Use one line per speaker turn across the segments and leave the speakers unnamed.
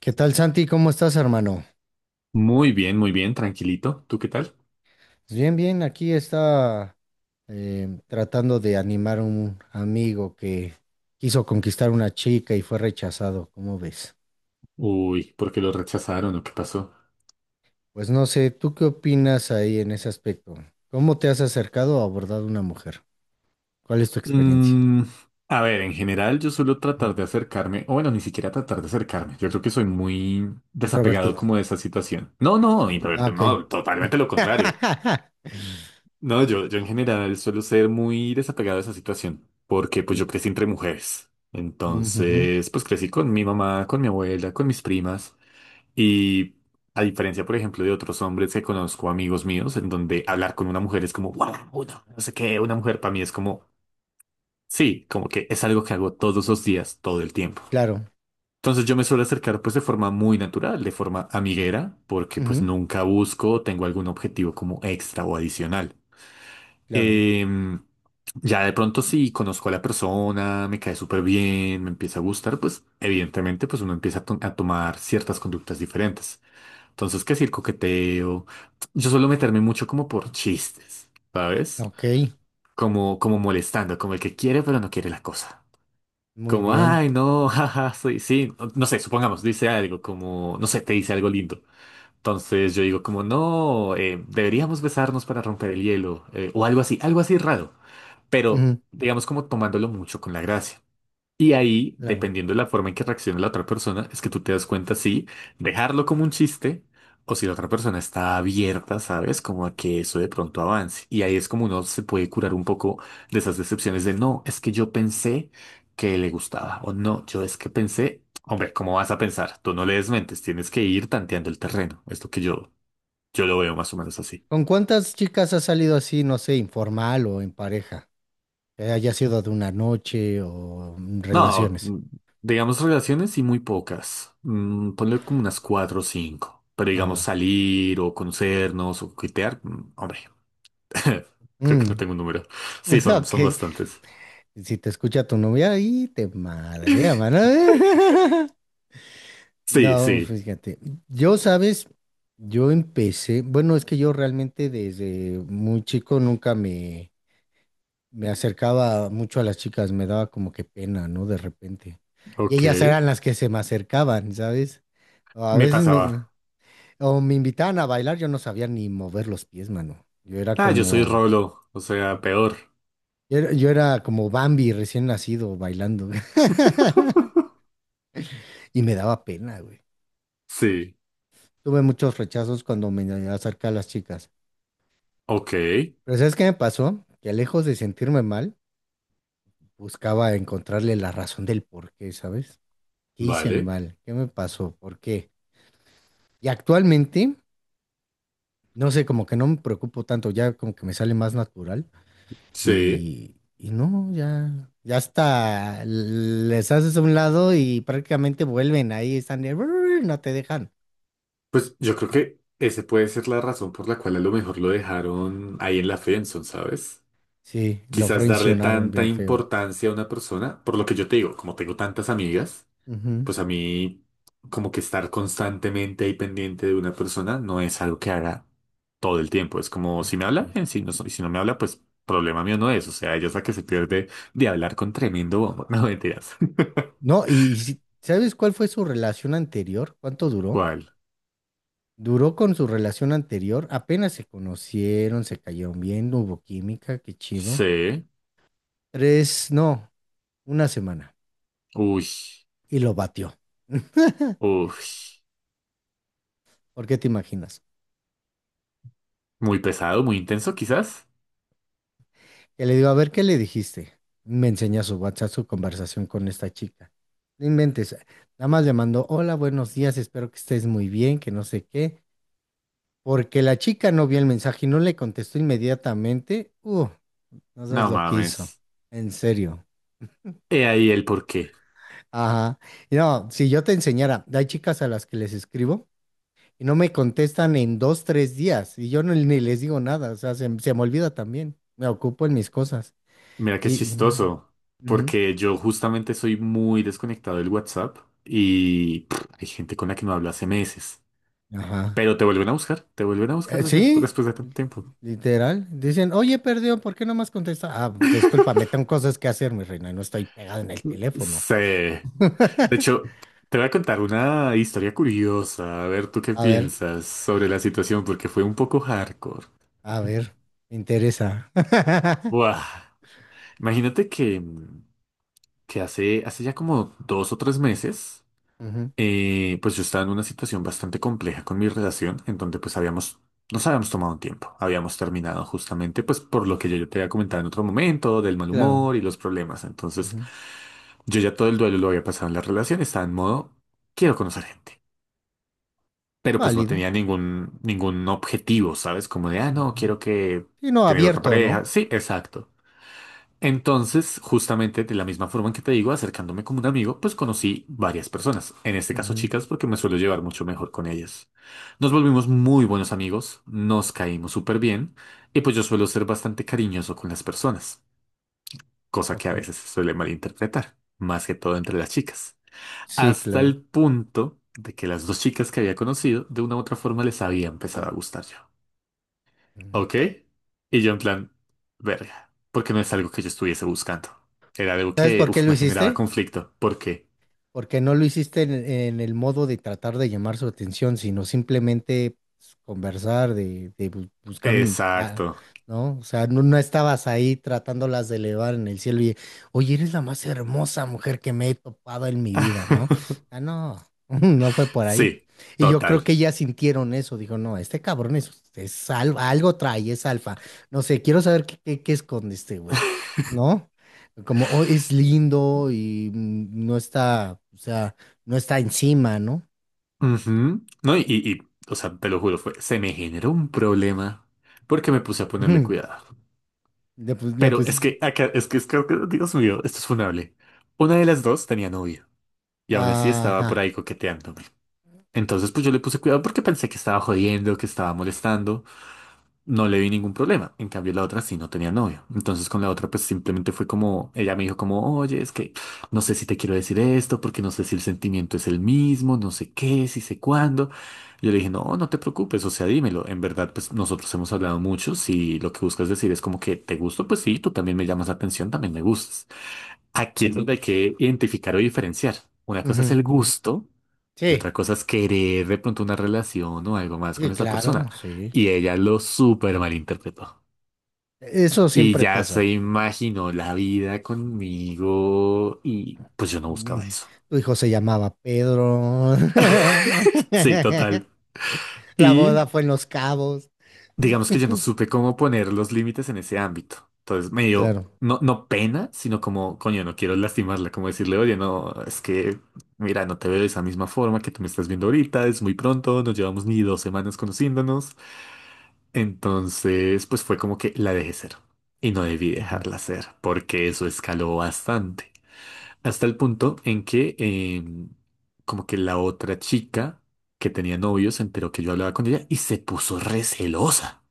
¿Qué tal, Santi? ¿Cómo estás, hermano?
Muy bien, tranquilito. ¿Tú qué tal?
Bien, bien, aquí está tratando de animar a un amigo que quiso conquistar una chica y fue rechazado, ¿cómo ves?
Uy, ¿por qué lo rechazaron o qué pasó?
Pues no sé, ¿tú qué opinas ahí en ese aspecto? ¿Cómo te has acercado o abordado a una mujer? ¿Cuál es tu experiencia?
Mm, a ver, en general yo suelo tratar de
Ujú.
acercarme, o bueno, ni siquiera tratar de acercarme. Yo creo que soy muy desapegado
Introvertido.
como de esa situación. No, no,
Ah,
introvertido,
ok.
no, totalmente lo contrario. No, yo en general suelo ser muy desapegado de esa situación, porque pues yo
Sí.
crecí entre mujeres.
Ujujú.
Entonces, pues crecí con mi mamá, con mi abuela, con mis primas. Y a diferencia, por ejemplo, de otros hombres que conozco, amigos míos, en donde hablar con una mujer es como, wow, no sé qué, una mujer para mí es como, sí, como que es algo que hago todos los días, todo el tiempo.
Claro,
Entonces yo me suelo acercar pues de forma muy natural, de forma amiguera, porque pues
ujú,
nunca busco, o tengo algún objetivo como extra o adicional.
claro.
Em, ya de pronto si conozco a la persona, me cae súper bien, me empieza a gustar, pues evidentemente pues uno empieza a tomar ciertas conductas diferentes. Entonces, ¿qué es el coqueteo? Yo suelo meterme mucho como por chistes, ¿sabes?
Ok,
Como, como molestando, como el que quiere pero no quiere la cosa.
muy
Como,
bien.
ay, no, jaja, soy, sí, no, no sé, supongamos, dice algo, como, no sé, te dice algo lindo. Entonces yo digo como, no, deberíamos besarnos para romper el hielo, o algo así raro, pero
Ujú,
digamos como tomándolo mucho con la gracia. Y ahí,
claro.
dependiendo de la forma en que reaccione la otra persona, es que tú te das cuenta si dejarlo como un chiste o si la otra persona está abierta, ¿sabes? Como a que eso de pronto avance. Y ahí es como uno se puede curar un poco de esas decepciones de no, es que yo pensé que le gustaba o no, yo es que pensé, hombre, ¿cómo vas a pensar? Tú no le desmentes, tienes que ir tanteando el terreno. Es lo que yo lo veo más o menos así.
¿Con cuántas chicas has salido así, no sé, informal o en pareja? Que haya sido de una noche o mm,
No,
relaciones.
digamos relaciones y muy pocas. Ponle como unas 4 o 5. Pero digamos
Ajá.
salir o conocernos o coquetear, hombre, creo que
Mm.
no tengo un número. Sí, son,
Ok.
son bastantes.
Si te escucha tu novia, ahí te madrea, mano.
Sí,
No,
sí,
fíjate. Yo, sabes, yo empecé. Bueno, es que yo realmente desde muy chico nunca me acercaba mucho a las chicas. Me daba como que pena, ¿no? De repente. Y
ok.
ellas eran las que se me acercaban, ¿sabes? A
Me
veces
pasaba.
o me invitaban a bailar, yo no sabía ni mover los pies, mano. Yo era
Ah, yo soy
como,
Rolo, o sea, peor.
yo era como Bambi recién nacido bailando. Y me daba pena, güey.
Sí,
Tuve muchos rechazos cuando me acerqué a las chicas.
ok,
Pero ¿sabes qué me pasó? Que lejos de sentirme mal, buscaba encontrarle la razón del por qué, ¿sabes? ¿Qué hice
vale,
mal? ¿Qué me pasó? ¿Por qué? Y actualmente, no sé, como que no me preocupo tanto, ya como que me sale más natural.
sí.
Y no, ya, ya hasta les haces a un lado y prácticamente vuelven ahí, están de, "Brr", no te dejan.
Pues yo creo que ese puede ser la razón por la cual a lo mejor lo dejaron ahí en la friendzone, ¿sabes?
Sí, lo
Quizás darle
frencionaron
tanta
bien feo.
importancia a una persona, por lo que yo te digo, como tengo tantas amigas,
Ujú.
pues a mí como que estar constantemente ahí pendiente de una persona no es algo que haga todo el tiempo. Es como si me habla,
Así es.
bien, si no, si no me habla, pues problema mío no es. O sea, ella es la que se pierde de hablar con tremendo bombo. No mentiras.
No, y ¿sabes cuál fue su relación anterior? ¿Cuánto duró?
¿Cuál?
Duró con su relación anterior, apenas se conocieron, se cayeron bien, no hubo química, qué chido.
Sí.
Tres, no, una semana.
Uy.
Y lo batió.
Uy.
¿Por qué te imaginas?
Muy pesado, muy intenso, quizás.
Que le digo, a ver, ¿qué le dijiste? Me enseña su WhatsApp, su conversación con esta chica. No inventes. Nada más le mandó, hola, buenos días, espero que estés muy bien, que no sé qué. Porque la chica no vio el mensaje y no le contestó inmediatamente. No sabes
No
lo que hizo.
mames.
En serio.
He ahí el porqué.
Ajá. No, si yo te enseñara, hay chicas a las que les escribo y no me contestan en dos, tres días y yo ni les digo nada. O sea, se me olvida también. Me ocupo en mis cosas.
Mira qué
Y.
chistoso,
Ujú.
porque yo justamente soy muy desconectado del WhatsApp y pff, hay gente con la que no hablo hace meses.
Ajá.
Pero te vuelven a buscar, te vuelven a buscar
Sí,
después de tanto tiempo.
literal. Dicen, oye, perdió, ¿por qué no me has contestado? Ah, discúlpame, tengo cosas que hacer, mi reina, y no estoy pegado en el teléfono.
Sí. De hecho, te voy a contar una historia curiosa, a ver tú qué
A ver,
piensas sobre la situación, porque fue un poco hardcore.
a ver, me interesa.
Buah. Imagínate que, hace ya como 2 o 3 meses.
Ujú,
Pues yo estaba en una situación bastante compleja con mi relación, en donde pues nos habíamos tomado un tiempo, habíamos terminado justamente pues por lo que yo te había comentado en otro momento, del mal
claro.
humor y los problemas. Entonces,
Ujú,
yo ya todo el duelo lo había pasado en la relación, estaba en modo, quiero conocer gente, pero pues no
válido.
tenía ningún objetivo, ¿sabes? Como de, ah, no,
Ujú.
quiero que
Sí, no,
tener otra
abierto,
pareja.
¿no?
Sí, exacto. Entonces, justamente de la misma forma en que te digo, acercándome como un amigo, pues conocí varias personas, en este caso
Ujú,
chicas, porque me suelo llevar mucho mejor con ellas. Nos volvimos muy buenos amigos, nos caímos súper bien, y pues yo suelo ser bastante cariñoso con las personas, cosa que
ok.
a veces se suele malinterpretar, más que todo entre las chicas.
Sí,
Hasta
claro.
el punto de que las dos chicas que había conocido, de una u otra forma les había empezado a gustar yo.
Ujú.
Ok. Y yo en plan, verga, porque no es algo que yo estuviese buscando. Era algo
¿Sabes
que,
por qué
uff,
lo
me generaba
hiciste?
conflicto. ¿Por qué?
Porque no lo hiciste en el modo de tratar de llamar su atención, sino simplemente pues, conversar, buscar un ah,
Exacto.
¿no? O sea, no, no estabas ahí tratándolas de elevar en el cielo y, oye, eres la más hermosa mujer que me he topado en mi vida, ¿no? Ah, no, no fue por ahí.
Sí,
Y yo creo
total.
que ellas sintieron eso, dijo, no, este cabrón es alfa, algo trae, es alfa. No sé, quiero saber qué esconde este güey, ¿no? Como "Oh, es lindo y mm, no está, o sea, no está encima, ¿no?
Ujú. No, o sea, te lo juro, fue, se me generó un problema porque me puse a ponerle
Ujú.
cuidado.
Le
Pero es
pusiste.
que, acá, es que, Dios mío, esto es funable. Una de las dos tenía novio y aún así estaba por
Ajá.
ahí coqueteándome. Entonces, pues yo le puse cuidado porque pensé que estaba jodiendo, que estaba molestando. No le vi ningún problema. En cambio, la otra sí no tenía novio. Entonces con la otra pues simplemente fue como, ella me dijo como, oye, es que no sé si te quiero decir esto, porque no sé si el sentimiento es el mismo, no sé qué, si sé cuándo. Yo le dije, no, no te preocupes, o sea, dímelo. En verdad, pues nosotros hemos hablado mucho. Si lo que buscas decir es como que te gusto, pues sí, tú también me llamas la atención, también me gustas. Aquí es donde hay que identificar o diferenciar. Una cosa es
Ujú.
el gusto. Y
Sí,
otra cosa es querer de pronto una relación o algo más
sí,
con esa persona.
claro, sí.
Y ella lo súper malinterpretó.
Eso
Y
siempre
ya se
pasa.
imaginó la vida conmigo y pues yo no
Y
buscaba eso.
tu hijo se llamaba Pedro.
Sí, total.
La
Y
boda fue en Los Cabos.
digamos que yo no supe cómo poner los límites en ese ámbito. Entonces me dio
Claro.
no, no pena, sino como, coño, no quiero lastimarla, como decirle, oye, no, es que, mira, no te veo de esa misma forma que tú me estás viendo ahorita, es muy pronto, nos llevamos ni 2 semanas conociéndonos. Entonces, pues fue como que la dejé ser. Y no debí dejarla ser, porque eso escaló bastante. Hasta el punto en que em, como que la otra chica que tenía novio se enteró que yo hablaba con ella y se puso recelosa.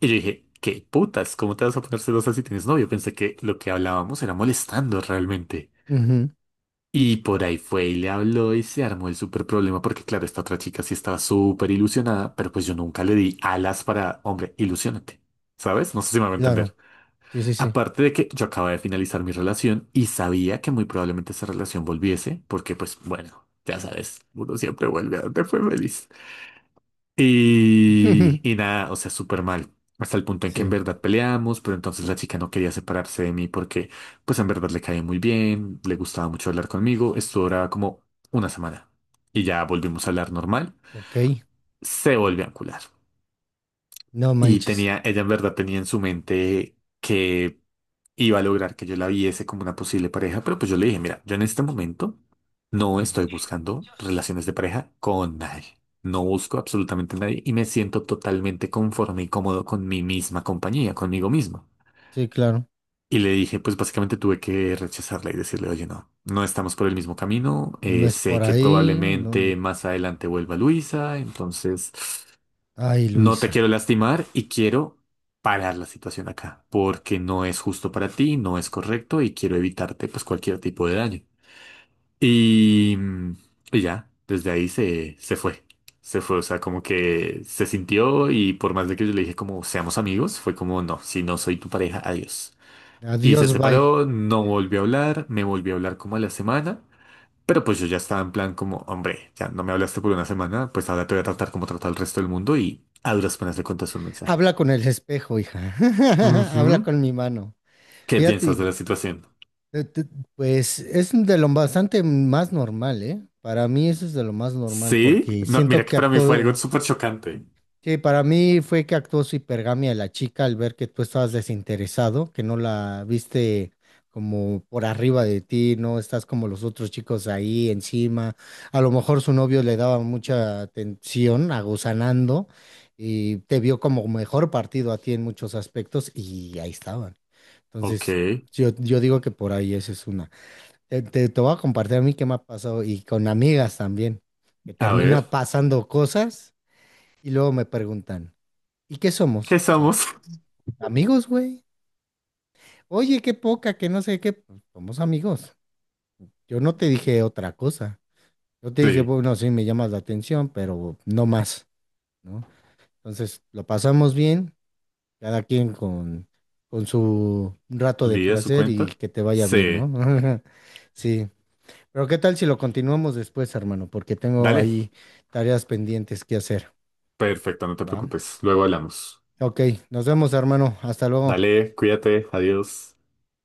Y yo dije, ¿qué putas? ¿Cómo te vas a poner celosa si tienes novio? Pensé que lo que hablábamos era molestando realmente.
Ujú, ujú,
Y por ahí fue y le habló y se armó el súper problema porque claro, esta otra chica sí estaba súper ilusionada, pero pues yo nunca le di alas para, hombre, ilusiónate, ¿sabes? No sé si me va a
claro.
entender.
Sí, sí, sí.
Aparte de que yo acababa de finalizar mi relación y sabía que muy probablemente esa relación volviese porque pues bueno, ya sabes, uno siempre vuelve a donde fue feliz. Y nada, o sea, súper mal. Hasta el punto en que en
Sí,
verdad peleamos, pero entonces la chica no quería separarse de mí porque, pues en verdad le caía muy bien, le gustaba mucho hablar conmigo. Esto duraba como una semana. Y ya volvimos a hablar normal.
ok.
Se volvió a encular.
No
Y
manches.
tenía, ella en verdad tenía en su mente que iba a lograr que yo la viese como una posible pareja, pero pues yo le dije, mira, yo en este momento no
Ujú.
estoy buscando relaciones de pareja con nadie. No busco absolutamente a nadie y me siento totalmente conforme y cómodo con mi misma compañía, conmigo mismo.
Sí, claro.
Y le dije, pues básicamente tuve que rechazarla y decirle, oye, no, no estamos por el mismo camino.
No es
Sé
por
que
ahí. No.
probablemente más adelante vuelva Luisa, entonces
Ay,
no te
Luisa.
quiero lastimar y quiero parar la situación acá, porque no es justo para ti, no es correcto y quiero evitarte pues cualquier tipo de daño. Y, y ya, desde ahí se fue. Se fue, o sea, como que se sintió y por más de que yo le dije como seamos amigos, fue como no, si no soy tu pareja, adiós. Y se
Adiós, bye.
separó, no volvió a hablar, me volvió a hablar como a la semana, pero pues yo ya estaba en plan como, hombre, ya no me hablaste por una semana, pues ahora te voy a tratar como trata el resto del mundo y a duras penas le contaste un mensaje.
Habla con el espejo, hija. Habla
Ujú.
con mi mano.
¿Qué
Fíjate,
piensas de la situación?
eh, te- pues es de lo bastante más normal, ¿eh? Para mí eso es de lo más normal
Sí,
porque
no, mira
siento
que
que
para mí fue algo
actúo,
súper chocante.
sí, para mí fue que actuó su hipergamia la chica al ver que tú estabas desinteresado, que no la viste como por arriba de ti, no estás como los otros chicos ahí encima. A lo mejor su novio le daba mucha atención, aguzanando, y te vio como mejor partido a ti en muchos aspectos y ahí estaban.
Ok,
Entonces, yo digo que por ahí esa es una. Te voy a compartir a mí qué me ha pasado y con amigas también, que
a ver,
termina pasando cosas y luego me preguntan. ¿Y qué somos?
¿qué
O sea,
somos?
amigos, güey. Oye, qué poca, que no sé qué. Pues, somos amigos. Yo no te dije otra cosa. Yo te dije,
Sí,
bueno, sí, me llamas la atención, pero no más, ¿no? Entonces, lo pasamos bien, cada quien con su rato de
vi de su
placer y
cuenta.
que te vaya bien,
Sí,
¿no? Sí. Pero ¿qué tal si lo continuamos después, hermano? Porque tengo
dale,
ahí tareas pendientes que hacer,
perfecto, no te
¿va?
preocupes, luego hablamos.
Ok, nos vemos, hermano. Hasta luego.
Dale, cuídate, adiós.